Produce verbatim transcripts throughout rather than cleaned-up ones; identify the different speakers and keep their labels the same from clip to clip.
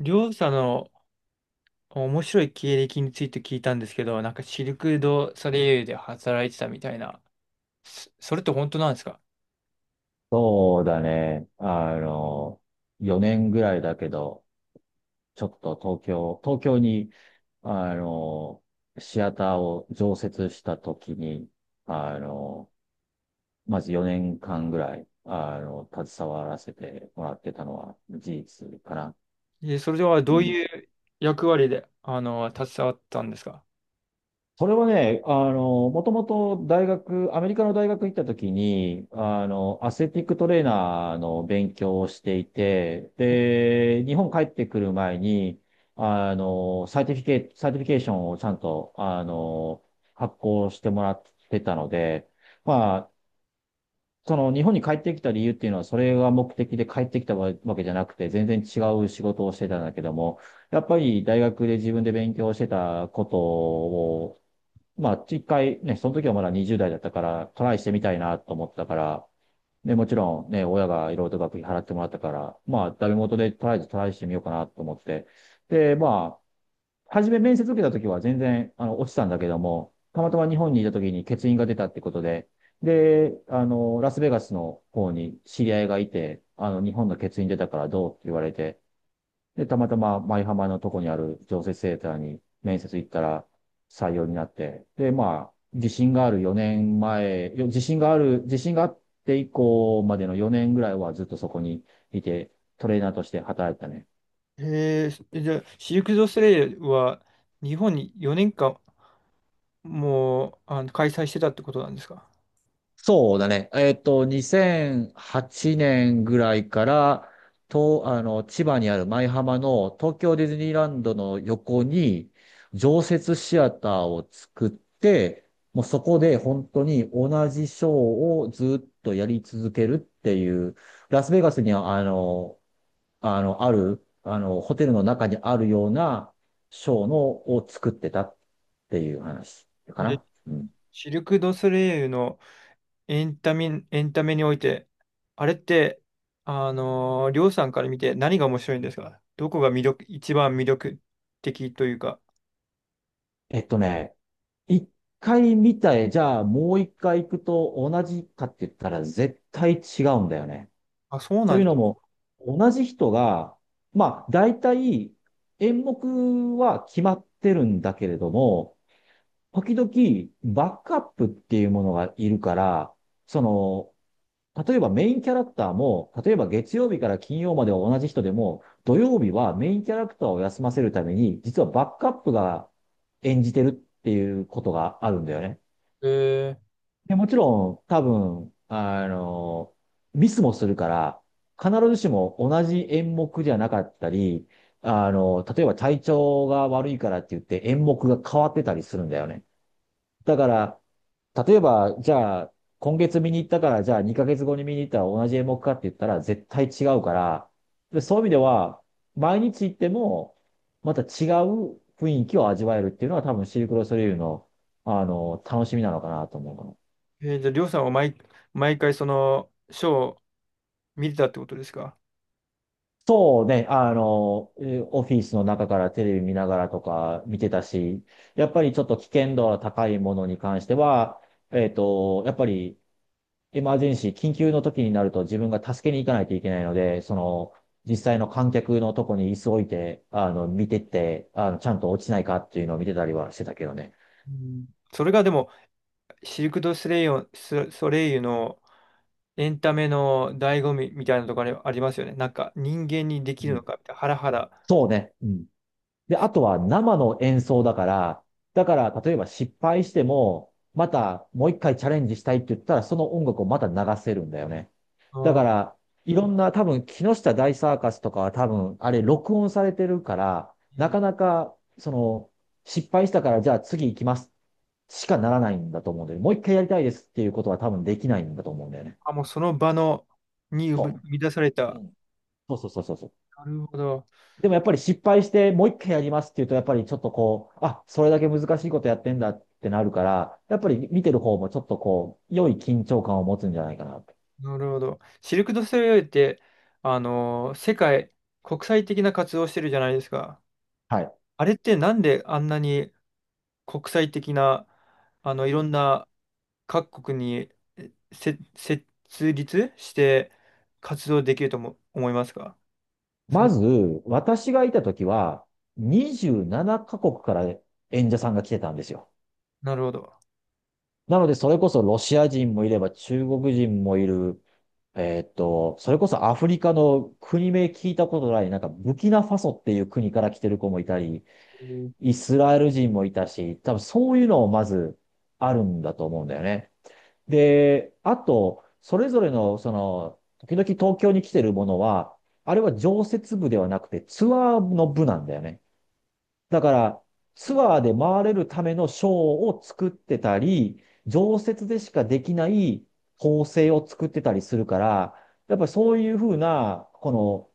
Speaker 1: りょうさんの面白い経歴について聞いたんですけど、なんかシルク・ドゥ・ソレイユで働いてたみたいな、そそれって本当なんですか？
Speaker 2: そうだね。あの、よねんぐらいだけど、ちょっと東京、東京に、あの、シアターを常設した時に、あの、まずよねんかんぐらい、あの、携わらせてもらってたのは事実かな。
Speaker 1: え、それではど
Speaker 2: う
Speaker 1: う
Speaker 2: ん。
Speaker 1: いう役割で、あの、携わったんですか？
Speaker 2: それはね、あの、もともと大学、アメリカの大学行った時に、あの、アスレティックトレーナーの勉強をしていて、で、日本帰ってくる前に、あの、サイティフィケ、サーティフィケーションをちゃんと、あの、発行してもらってたので、まあ、その日本に帰ってきた理由っていうのは、それが目的で帰ってきたわけじゃなくて、全然違う仕事をしてたんだけども、やっぱり大学で自分で勉強してたことを、まあ、一回ね、その時はまだにじゅう代だったから、トライしてみたいなと思ったから、ね、もちろんね、親がいろいろと学費払ってもらったから、まあ、ダメ元でとりあえずトライしてみようかなと思って。で、まあ、初め面接受けた時は全然、あの、落ちたんだけども、たまたま日本にいた時に欠員が出たってことで、で、あの、ラスベガスの方に知り合いがいて、あの、日本の欠員出たからどうって言われて、で、たまたま舞浜のとこにある常設セーターに面接行ったら採用になって、で、まあ、自信がある4年前、よ自信がある、自信があって以降までのよねんぐらいはずっとそこにいて、トレーナーとして働いてたね。
Speaker 1: へえ、じゃあ、シルク・ドゥ・ソレイユは日本によねんかんもう、あの、開催してたってことなんですか？
Speaker 2: そうだね。えっと、にせんはちねんぐらいから、と、あの、千葉にある舞浜の東京ディズニーランドの横に常設シアターを作って、もうそこで本当に同じショーをずっとやり続けるっていう、ラスベガスにはあの、あの、ある、あの、ホテルの中にあるようなショーのを作ってたっていう話か
Speaker 1: え、
Speaker 2: な。うん。
Speaker 1: シルク・ドゥソレイユのエンタメ、エンタメにおいて、あれって、あのー、りょうさんから見て何が面白いんですか？どこが魅力、一番魅力的というか。
Speaker 2: えっとね、一回見たい。じゃあ、もう一回行くと同じかって言ったら絶対違うんだよね。
Speaker 1: あ、そう
Speaker 2: と
Speaker 1: なん
Speaker 2: いう
Speaker 1: だ。
Speaker 2: のも、同じ人が、まあ、大体演目は決まってるんだけれども、時々バックアップっていうものがいるから、その、例えばメインキャラクターも、例えば月曜日から金曜までは同じ人でも、土曜日はメインキャラクターを休ませるために、実はバックアップが演じてるっていうことがあるんだよね。
Speaker 1: へえ。
Speaker 2: で、もちろん、多分、あの、ミスもするから、必ずしも同じ演目じゃなかったり、あの、例えば体調が悪いからって言って演目が変わってたりするんだよね。だから、例えば、じゃあ、今月見に行ったから、じゃあにかげつごに見に行ったら同じ演目かって言ったら絶対違うから、で、そういう意味では、毎日行っても、また違う雰囲気を味わえるっていうのは多分シルクロソレイユの、あの、楽しみなのかなと思うかな。
Speaker 1: えーじゃあ、りょうさんは毎、毎回そのショーを見てたってことですか？
Speaker 2: そうね、あの、えーオフィスの中からテレビ見ながらとか見てたし、やっぱりちょっと危険度が高いものに関しては、えっと、やっぱりエマージェンシー、緊急の時になると自分が助けに行かないといけないので、その、実際の観客のとこに椅子置いて、あの、見てって、あの、ちゃんと落ちないかっていうのを見てたりはしてたけどね。
Speaker 1: うん。それがでも、シルク・ドゥ・ソレイユ、ソソレイユのエンタメの醍醐味みたいなところありますよね。なんか人間にで
Speaker 2: う
Speaker 1: きるの
Speaker 2: ん、
Speaker 1: かみたいな、ハラハラ。
Speaker 2: そうね。うん。で、あとは生の演奏だから、だから例えば失敗しても、またもう一回チャレンジしたいって言ったら、その音楽をまた流せるんだよね。
Speaker 1: あ
Speaker 2: だか
Speaker 1: ー、
Speaker 2: ら、いろんな多分、木下大サーカスとかは多分、あれ録音されてるから、
Speaker 1: う
Speaker 2: な
Speaker 1: ん。
Speaker 2: かなか、その、失敗したからじゃあ次行きますしかならないんだと思うんだよね。もう一回やりたいですっていうことは多分できないんだと思うんだよね。
Speaker 1: あ、もうその場のに生み
Speaker 2: そ
Speaker 1: 生み出され
Speaker 2: う。う
Speaker 1: た。
Speaker 2: ん。そうそうそうそうそう。
Speaker 1: なるほど。
Speaker 2: でもやっぱり失敗してもう一回やりますっていうと、やっぱりちょっとこう、あ、それだけ難しいことやってんだってなるから、やっぱり見てる方もちょっとこう、良い緊張感を持つんじゃないかなと。
Speaker 1: なるほど。シルク・ドゥ・ソレイユって、あのー世界、国際的な活動をしてるじゃないですか。
Speaker 2: はい。
Speaker 1: あれってなんであんなに国際的な、あの、いろんな各国にえせ設立して活動できるとも思いますか？そ
Speaker 2: ま
Speaker 1: の、
Speaker 2: ず、私がいた時は、にじゅうななカ国から演者さんが来てたんですよ。
Speaker 1: なるほど。
Speaker 2: なので、それこそロシア人もいれば中国人もいる、えーっと、それこそアフリカの国名聞いたことない、なんかブキナファソっていう国から来てる子もいたり、
Speaker 1: えー
Speaker 2: イスラエル人もいたし、多分そういうのをまずあるんだと思うんだよね。で、あと、それぞれの、その、時々東京に来てるものは、あれは常設部ではなくてツアーの部なんだよね。だから、ツアーで回れるためのショーを作ってたり、常設でしかできない構成を作ってたりするから、やっぱりそういうふうな、この、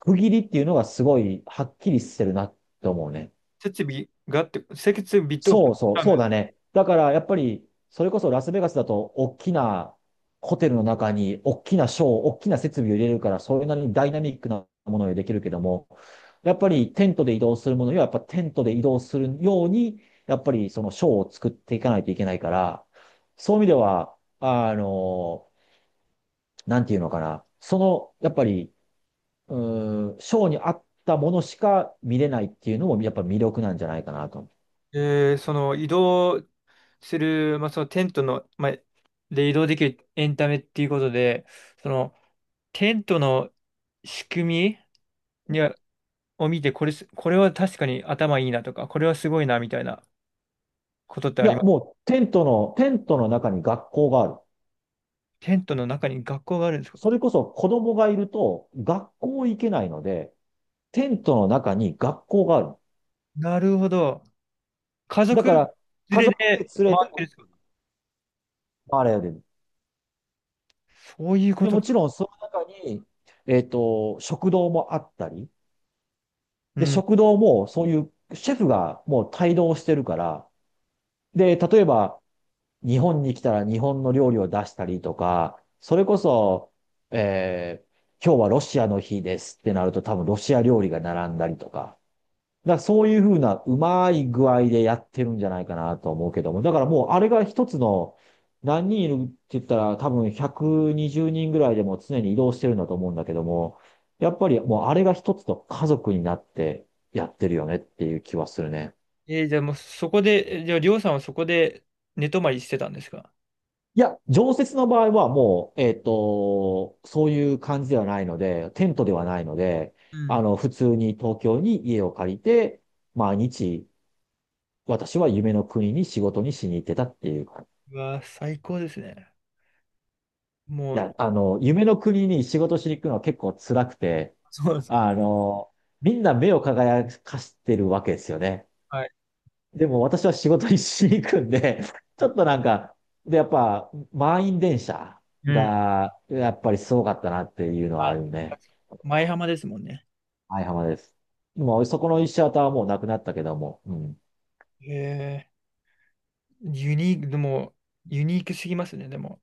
Speaker 2: 区切りっていうのがすごいはっきりしてるなって思うね。
Speaker 1: 設備があって、設備と、
Speaker 2: そうそう、そうだね。だからやっぱり、それこそラスベガスだと、大きなホテルの中に、大きなショー、大きな設備を入れるから、それなりにダイナミックなものができるけども、やっぱりテントで移動するものには、やっぱテントで移動するように、やっぱりそのショーを作っていかないといけないから、そういう意味では、あの、なんていうのかな、その、やっぱり、うーん、ショーに合ったものしか見れないっていうのも、やっぱ魅力なんじゃないかなと。
Speaker 1: えーその移動する、まあ、そのテントの、まあ、で移動できるエンタメっていうことで、そのテントの仕組みにはを見て、これす、これは確かに頭いいなとか、これはすごいなみたいなことって
Speaker 2: い
Speaker 1: あ
Speaker 2: や、
Speaker 1: ります。
Speaker 2: もうテントの、テントの中に学校がある。
Speaker 1: テントの中に学校があるんですか？
Speaker 2: それこそ子供がいると学校行けないので、テントの中に学校がある。
Speaker 1: なるほど。家
Speaker 2: だ
Speaker 1: 族
Speaker 2: か
Speaker 1: 連
Speaker 2: ら家
Speaker 1: れで
Speaker 2: 族で連れて
Speaker 1: 回って
Speaker 2: も
Speaker 1: るんですか？
Speaker 2: 回れる。
Speaker 1: そういうこ
Speaker 2: で、
Speaker 1: と
Speaker 2: もち
Speaker 1: か。
Speaker 2: ろんその中に、えっと、食堂もあったり、
Speaker 1: う
Speaker 2: で、
Speaker 1: ん。
Speaker 2: 食堂もそういうシェフがもう帯同してるから、で、例えば日本に来たら日本の料理を出したりとか、それこそ、えー今日はロシアの日ですってなると多分ロシア料理が並んだりとか。だからそういうふうなうまい具合でやってるんじゃないかなと思うけども。だからもうあれが一つの何人いるって言ったら多分ひゃくにじゅうにんぐらいでも常に移動してるんだと思うんだけども、やっぱりもうあれが一つの家族になってやってるよねっていう気はするね。
Speaker 1: えーじゃあもうそこで、えじゃありょうさんはそこで寝泊まりしてたんですか？
Speaker 2: いや、常設の場合はもう、えっと、そういう感じではないので、テントではないので、
Speaker 1: う
Speaker 2: あ
Speaker 1: ん。
Speaker 2: の、普通に東京に家を借りて、毎日、私は夢の国に仕事にしに行ってたっていう感じ。
Speaker 1: うわ、最高ですね。も
Speaker 2: い
Speaker 1: う、
Speaker 2: や、あの、夢の国に仕事しに行くのは結構辛くて、
Speaker 1: そうですね。
Speaker 2: あの、みんな目を輝かしてるわけですよね。
Speaker 1: はい。
Speaker 2: でも私は仕事にしに行くんで、ちょっとなんか、で、やっぱ、満員電車
Speaker 1: うん。
Speaker 2: が、やっぱりすごかったなっていうのはあ
Speaker 1: あ、
Speaker 2: るね。
Speaker 1: 舞浜ですもんね。
Speaker 2: はい、浜です。もうそこのいちシアターはもうなくなったけども、うん。
Speaker 1: えー、ユニーク、でも、ユニークすぎますね、でも。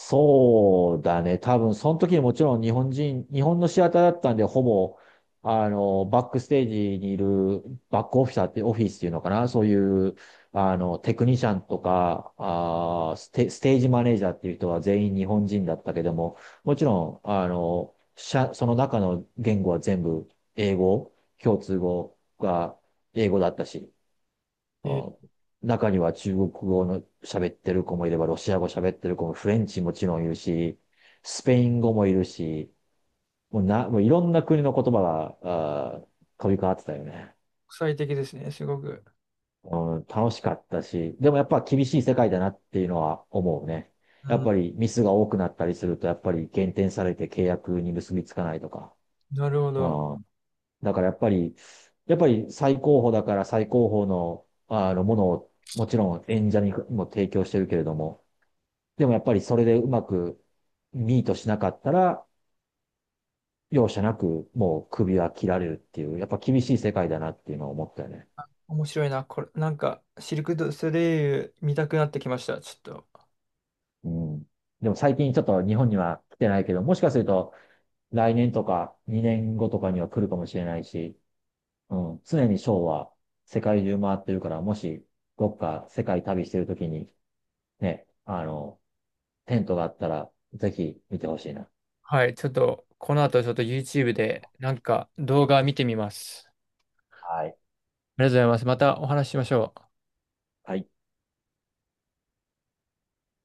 Speaker 2: そうだね。多分、その時にもちろん日本人、日本のシアターだったんで、ほぼ、あの、バックステージにいるバックオフィサーって、オフィスっていうのかな。そういう、あの、テクニシャンとか、あーステ、ステージマネージャーっていう人は全員日本人だったけども、もちろん、あの、社その中の言語は全部英語、共通語が英語だったし、
Speaker 1: え
Speaker 2: あ
Speaker 1: ー
Speaker 2: 中には中国語の喋ってる子もいれば、ロシア語喋ってる子も、フレンチもちろんいるし、スペイン語もいるし、もうな、もういろんな国の言葉が、あー飛び交ってたよね。
Speaker 1: 国際的ですね、すごく。
Speaker 2: うん、楽しかったし、でもやっぱ厳しい世界だなっていうのは思うね。
Speaker 1: う
Speaker 2: やっ
Speaker 1: ん。
Speaker 2: ぱりミスが多くなったりすると、やっぱり減点されて契約に結びつかないとか。
Speaker 1: なるほ
Speaker 2: う
Speaker 1: ど。
Speaker 2: ん、だからやっぱり、やっぱり最高峰だから最高峰の、あのものをもちろん演者にも提供してるけれども、でもやっぱりそれでうまくミートしなかったら、容赦なくもう首は切られるっていう、やっぱ厳しい世界だなっていうのを思ったよね。
Speaker 1: 面白いな、これ。なんか、シルク・ドゥ・ソレイユ見たくなってきました、ちょっと。
Speaker 2: うん。でも最近ちょっと日本には来てないけど、もしかすると来年とかにねんごとかには来るかもしれないし、うん。常にショーは世界中回ってるから、もしどっか世界旅してるときにね、あの、テントがあったらぜひ見てほしいな。
Speaker 1: はい、ちょっと、この後ちょっと ユーチューブ でなんか動画見てみます。
Speaker 2: はい。
Speaker 1: ありがとうございます。またお話ししましょう。
Speaker 2: はい。